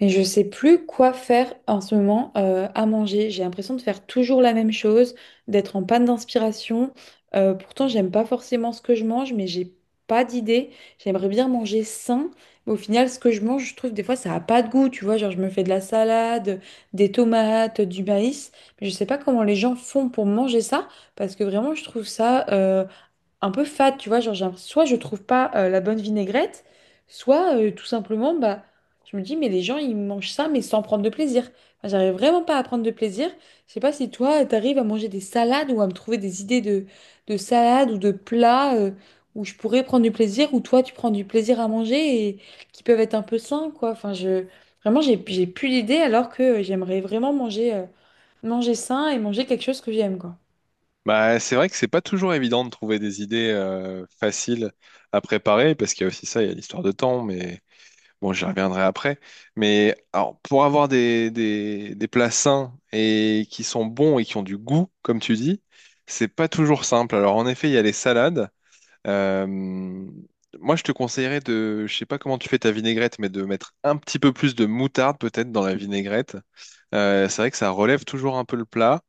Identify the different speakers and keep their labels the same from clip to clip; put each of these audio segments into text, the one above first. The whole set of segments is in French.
Speaker 1: Mais je sais plus quoi faire en ce moment à manger. J'ai l'impression de faire toujours la même chose, d'être en panne d'inspiration. Pourtant, j'aime pas forcément ce que je mange, mais j'ai pas d'idée. J'aimerais bien manger sain, mais au final, ce que je mange, je trouve des fois ça a pas de goût. Tu vois, genre je me fais de la salade, des tomates, du maïs, mais je sais pas comment les gens font pour manger ça, parce que vraiment, je trouve ça, un peu fade, tu vois, genre, soit je trouve pas la bonne vinaigrette, soit tout simplement, bah, je me dis, mais les gens, ils mangent ça, mais sans prendre de plaisir. Enfin, j'arrive vraiment pas à prendre de plaisir. Je sais pas si toi, t'arrives à manger des salades ou à me trouver des idées de salades ou de plats où je pourrais prendre du plaisir, où toi, tu prends du plaisir à manger et qui peuvent être un peu sains, quoi. Enfin, je... Vraiment, j'ai plus d'idées alors que j'aimerais vraiment manger, manger sain et manger quelque chose que j'aime, quoi.
Speaker 2: Bah, c'est vrai que c'est pas toujours évident de trouver des idées faciles à préparer, parce qu'il y a aussi ça, il y a l'histoire de temps, mais bon, j'y reviendrai après. Mais alors, pour avoir des plats sains et qui sont bons et qui ont du goût, comme tu dis, c'est pas toujours simple. Alors, en effet, il y a les salades. Euh, moi, je te conseillerais je sais pas comment tu fais ta vinaigrette, mais de mettre un petit peu plus de moutarde peut-être dans la vinaigrette. C'est vrai que ça relève toujours un peu le plat.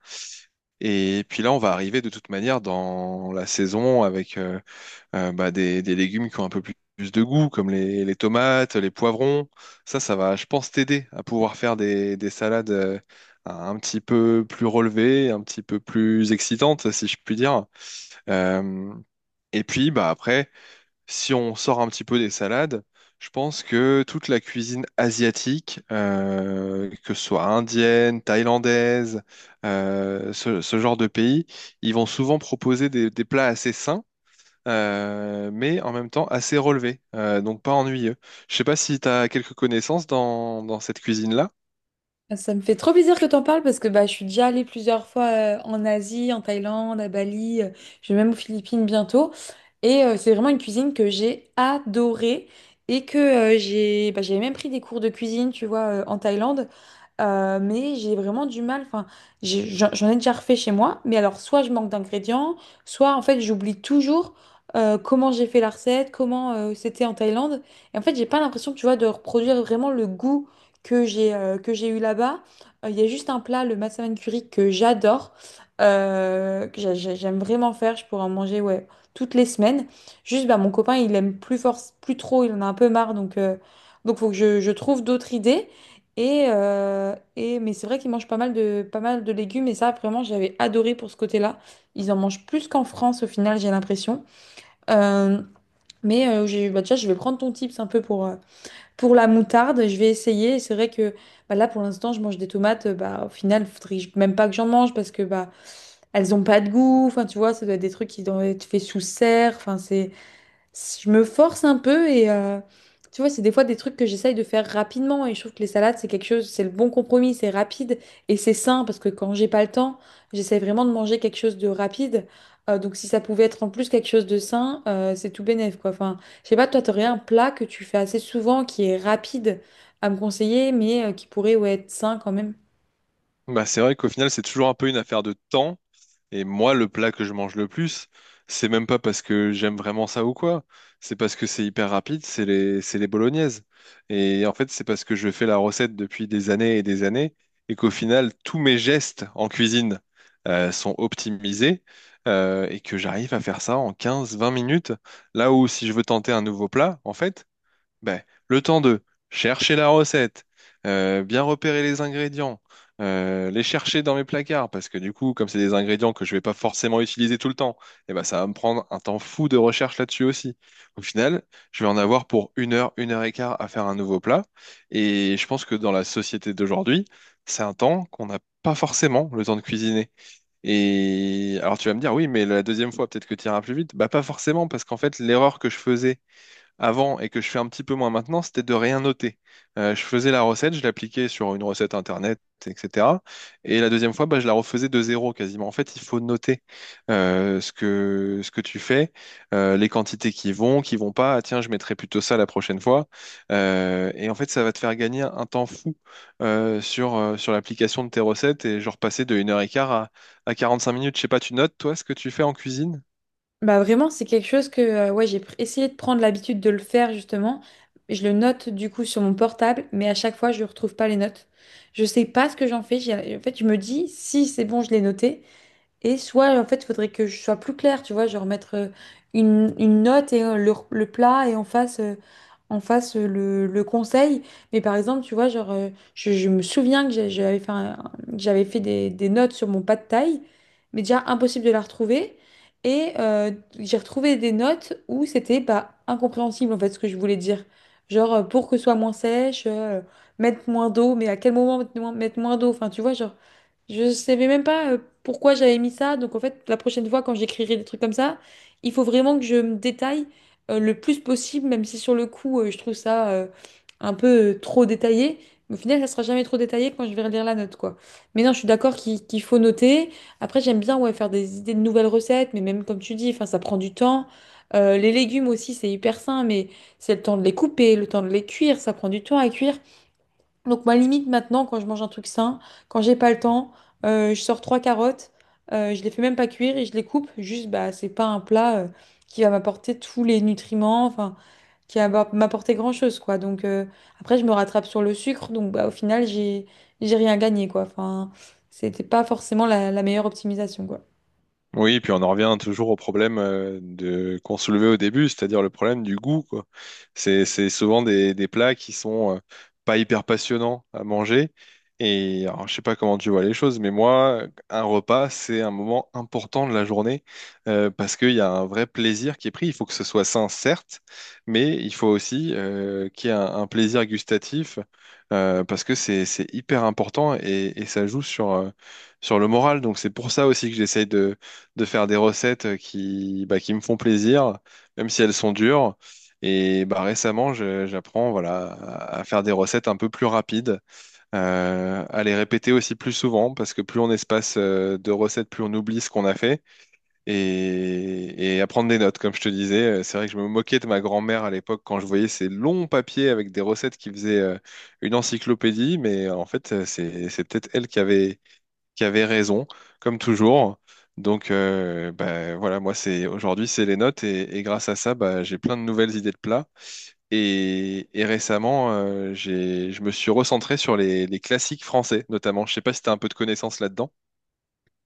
Speaker 2: Et puis là, on va arriver de toute manière dans la saison avec bah, des légumes qui ont un peu plus de goût, comme les tomates, les poivrons. Ça va, je pense, t'aider à pouvoir faire des salades un petit peu plus relevées, un petit peu plus excitantes, si je puis dire. Euh, et puis, bah, après, si on sort un petit peu des salades, je pense que toute la cuisine asiatique, que ce soit indienne, thaïlandaise, ce genre de pays, ils vont souvent proposer des plats assez sains, mais en même temps assez relevés, donc pas ennuyeux. Je sais pas si tu as quelques connaissances dans cette cuisine-là.
Speaker 1: Ça me fait trop plaisir que t'en parles parce que bah, je suis déjà allée plusieurs fois en Asie, en Thaïlande, à Bali, je vais même aux Philippines bientôt. Et c'est vraiment une cuisine que j'ai adorée et que j'avais même pris des cours de cuisine, tu vois, en Thaïlande. Mais j'ai vraiment du mal. Enfin, j'en ai déjà refait chez moi, mais alors soit je manque d'ingrédients, soit en fait j'oublie toujours comment j'ai fait la recette, comment c'était en Thaïlande. Et en fait, j'ai pas l'impression, tu vois, de reproduire vraiment le goût que j'ai eu là-bas. Il y a juste un plat, le massaman curry, que j'adore, que j'aime vraiment faire. Je pourrais en manger ouais, toutes les semaines. Juste, bah, mon copain, il aime plus fort plus trop, il en a un peu marre. Donc faut que je trouve d'autres idées. Mais c'est vrai qu'ils mangent pas mal de légumes. Et ça, vraiment, j'avais adoré pour ce côté-là. Ils en mangent plus qu'en France, au final, j'ai l'impression. Euh, mais j'ai, bah, déjà, je vais prendre ton tips un peu pour la moutarde, je vais essayer. C'est vrai que bah, là, pour l'instant, je mange des tomates. Bah, au final, faudrait même pas que j'en mange parce que bah, elles ont pas de goût. Enfin, tu vois, ça doit être des truits qui doivent être faits sous serre. Enfin, c'est je me force un peu et tu vois, c'est des fois des trucs que j'essaye de faire rapidement et je trouve que les salades, c'est quelque chose, c'est le bon compromis, c'est rapide et c'est sain parce que quand j'ai pas le temps, j'essaie vraiment de manger quelque chose de rapide. Donc si ça pouvait être en plus quelque chose de sain, c'est tout bénef quoi. Enfin, je sais pas, toi, t'aurais un plat que tu fais assez souvent qui est rapide à me conseiller mais qui pourrait ouais, être sain quand même.
Speaker 2: Bah, c'est vrai qu'au final, c'est toujours un peu une affaire de temps. Et moi, le plat que je mange le plus, c'est même pas parce que j'aime vraiment ça ou quoi. C'est parce que c'est hyper rapide, c'est les bolognaises. Et en fait, c'est parce que je fais la recette depuis des années et qu'au final, tous mes gestes en cuisine sont optimisés et que j'arrive à faire ça en 15-20 minutes. Là où si je veux tenter un nouveau plat, en fait, ben, le temps de chercher la recette, bien repérer les ingrédients, les chercher dans mes placards, parce que du coup, comme c'est des ingrédients que je vais pas forcément utiliser tout le temps, eh ben, ça va me prendre un temps fou de recherche là-dessus aussi. Au final, je vais en avoir pour une heure et quart à faire un nouveau plat, et je pense que dans la société d'aujourd'hui, c'est un temps qu'on n'a pas forcément le temps de cuisiner. Et alors tu vas me dire, oui, mais la deuxième fois, peut-être que tu iras plus vite. Bah pas forcément, parce qu'en fait, l'erreur que je faisais avant et que je fais un petit peu moins maintenant, c'était de rien noter. Je faisais la recette, je l'appliquais sur une recette internet, etc. Et la deuxième fois, bah, je la refaisais de zéro quasiment. En fait, il faut noter ce que tu fais, les quantités qui vont pas. Ah, tiens, je mettrai plutôt ça la prochaine fois. Et en fait, ça va te faire gagner un temps fou sur l'application de tes recettes et genre passer de 1h15 à 45 minutes. Je sais pas, tu notes, toi, ce que tu fais en cuisine?
Speaker 1: Bah vraiment, c'est quelque chose que ouais, j'ai essayé de prendre l'habitude de le faire justement. Je le note du coup sur mon portable, mais à chaque fois, je ne retrouve pas les notes. Je sais pas ce que j'en fais. En fait, je me dis, si c'est bon, je l'ai noté, et soit, en fait, il faudrait que je sois plus claire, tu vois, genre mettre une note et le plat et on fasse le conseil. Mais par exemple, tu vois, genre, je me souviens que j'avais fait des notes sur mon pas de taille, mais déjà impossible de la retrouver. Et j'ai retrouvé des notes où c'était bah, incompréhensible, en fait, ce que je voulais dire. Genre, pour que ce soit moins sèche, mettre moins d'eau, mais à quel moment mettre moins d'eau? Enfin, tu vois, genre. Je savais même pas pourquoi j'avais mis ça. Donc en fait, la prochaine fois, quand j'écrirai des trucs comme ça, il faut vraiment que je me détaille le plus possible, même si sur le coup, je trouve ça un peu trop détaillé. Mais au final, ça sera jamais trop détaillé quand je vais relire la note, quoi. Mais non, je suis d'accord qu'il faut noter. Après, j'aime bien ouais, faire des idées de nouvelles recettes, mais même comme tu dis, enfin, ça prend du temps. Les légumes aussi, c'est hyper sain, mais c'est le temps de les couper, le temps de les cuire, ça prend du temps à cuire. Donc ma limite maintenant, quand je mange un truc sain, quand j'ai pas le temps, je sors trois carottes, je les fais même pas cuire et je les coupe. Juste, bah, c'est pas un plat qui va m'apporter tous les nutriments, enfin, qui va m'apporter grand-chose, quoi. Donc après, je me rattrape sur le sucre, donc bah, au final, j'ai rien gagné, quoi. Enfin, c'était pas forcément la meilleure optimisation, quoi.
Speaker 2: Oui, et puis on en revient toujours au problème de qu'on soulevait au début, c'est-à-dire le problème du goût, quoi. C'est souvent des plats qui sont pas hyper passionnants à manger. Et alors, je sais pas comment tu vois les choses, mais moi, un repas, c'est un moment important de la journée parce qu'il y a un vrai plaisir qui est pris. Il faut que ce soit sain, certes, mais il faut aussi qu'il y ait un plaisir gustatif parce que c'est hyper important et ça joue sur le moral. Donc c'est pour ça aussi que j'essaye de faire des recettes bah, qui me font plaisir, même si elles sont dures. Et bah, récemment, j'apprends voilà, à faire des recettes un peu plus rapides, à les répéter aussi plus souvent, parce que plus on espace de recettes, plus on oublie ce qu'on a fait, et à prendre des notes, comme je te disais. C'est vrai que je me moquais de ma grand-mère à l'époque quand je voyais ces longs papiers avec des recettes qui faisaient une encyclopédie, mais en fait, c'est peut-être elle qui avait raison, comme toujours. Donc bah, voilà, moi c'est aujourd'hui c'est les notes et grâce à ça bah, j'ai plein de nouvelles idées de plats. Et récemment j'ai je me suis recentré sur les classiques français notamment. Je sais pas si tu as un peu de connaissances là-dedans.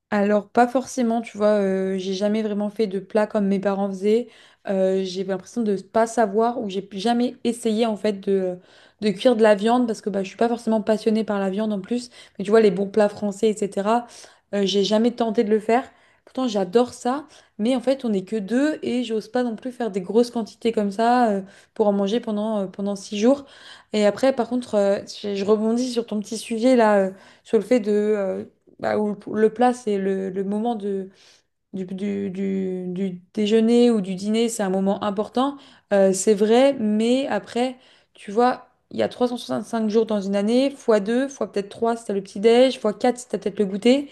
Speaker 1: Alors, pas forcément, tu vois, j'ai jamais vraiment fait de plat comme mes parents faisaient. J'ai l'impression de pas savoir ou j'ai jamais essayé en fait de cuire de la viande parce que bah, je suis pas forcément passionnée par la viande en plus. Mais tu vois, les bons plats français, etc., j'ai jamais tenté de le faire. Pourtant, j'adore ça, mais en fait, on n'est que deux et j'ose pas non plus faire des grosses quantités comme ça pour en manger pendant 6 jours. Et après, par contre, je rebondis sur ton petit sujet là, sur le fait de, bah, où le plat, c'est le moment de, du déjeuner ou du dîner, c'est un moment important, c'est vrai, mais après, tu vois, il y a 365 jours dans une année, fois 2, fois peut-être 3, si t'as le petit-déj, fois 4, si t'as peut-être le goûter,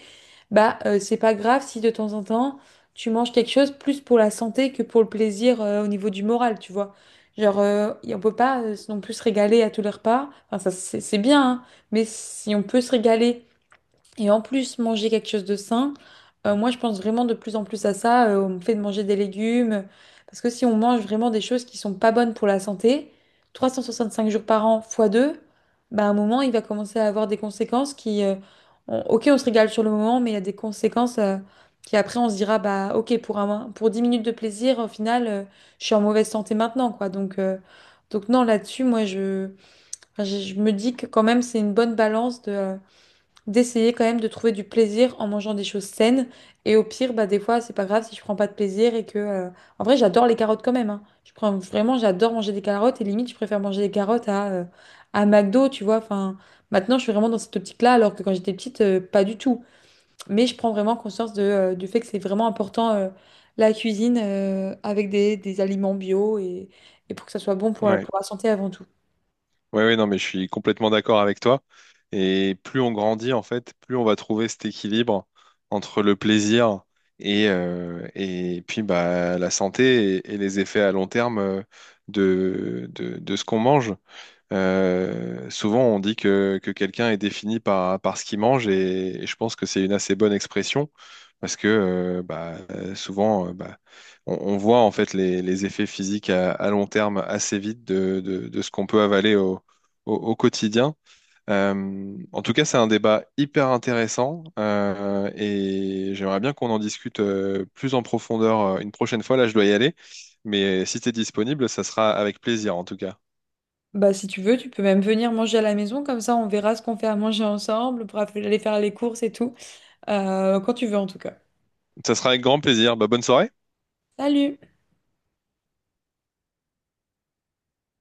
Speaker 1: bah c'est pas grave si de temps en temps, tu manges quelque chose plus pour la santé que pour le plaisir au niveau du moral, tu vois. Genre, on peut pas non plus se régaler à tous les repas. Enfin, ça, c'est bien, hein, mais si on peut se régaler et en plus, manger quelque chose de sain, moi je pense vraiment de plus en plus à ça, au fait de manger des légumes. Parce que si on mange vraiment des choses qui sont pas bonnes pour la santé, 365 jours par an fois 2, bah, à un moment il va commencer à avoir des conséquences ok, on se régale sur le moment, mais il y a des conséquences qui après on se dira, bah ok, pour, un, pour 10 minutes de plaisir, au final, je suis en mauvaise santé maintenant, quoi. Donc non, là-dessus, moi je me dis que quand même c'est une bonne balance de. D'essayer quand même de trouver du plaisir en mangeant des choses saines. Et au pire, bah, des fois, c'est pas grave si je prends pas de plaisir et que. En vrai, j'adore les carottes quand même, hein. Vraiment, j'adore manger des carottes et limite, je préfère manger des carottes à McDo, tu vois. Enfin, maintenant, je suis vraiment dans cette optique-là, alors que quand j'étais petite, pas du tout. Mais je prends vraiment conscience du fait que c'est vraiment important la cuisine avec des aliments bio et pour que ça soit bon pour la-
Speaker 2: Ouais.
Speaker 1: pour la santé avant tout.
Speaker 2: Ouais ouais non mais je suis complètement d'accord avec toi. Et plus on grandit en fait, plus on va trouver cet équilibre entre le plaisir et puis bah, la santé et les effets à long terme de, de ce qu'on mange. Souvent, on dit que quelqu'un est défini par ce qu'il mange et je pense que c'est une assez bonne expression parce que bah, souvent, bah, on voit en fait les effets physiques à long terme assez vite de ce qu'on peut avaler au quotidien. En tout cas, c'est un débat hyper intéressant et j'aimerais bien qu'on en discute plus en profondeur une prochaine fois. Là, je dois y aller, mais si tu es disponible, ça sera avec plaisir en tout cas.
Speaker 1: Bah, si tu veux, tu peux même venir manger à la maison, comme ça on verra ce qu'on fait à manger ensemble pour aller faire les courses et tout. Quand tu veux en tout cas.
Speaker 2: Ça sera avec grand plaisir. Bah, bonne soirée.
Speaker 1: Salut!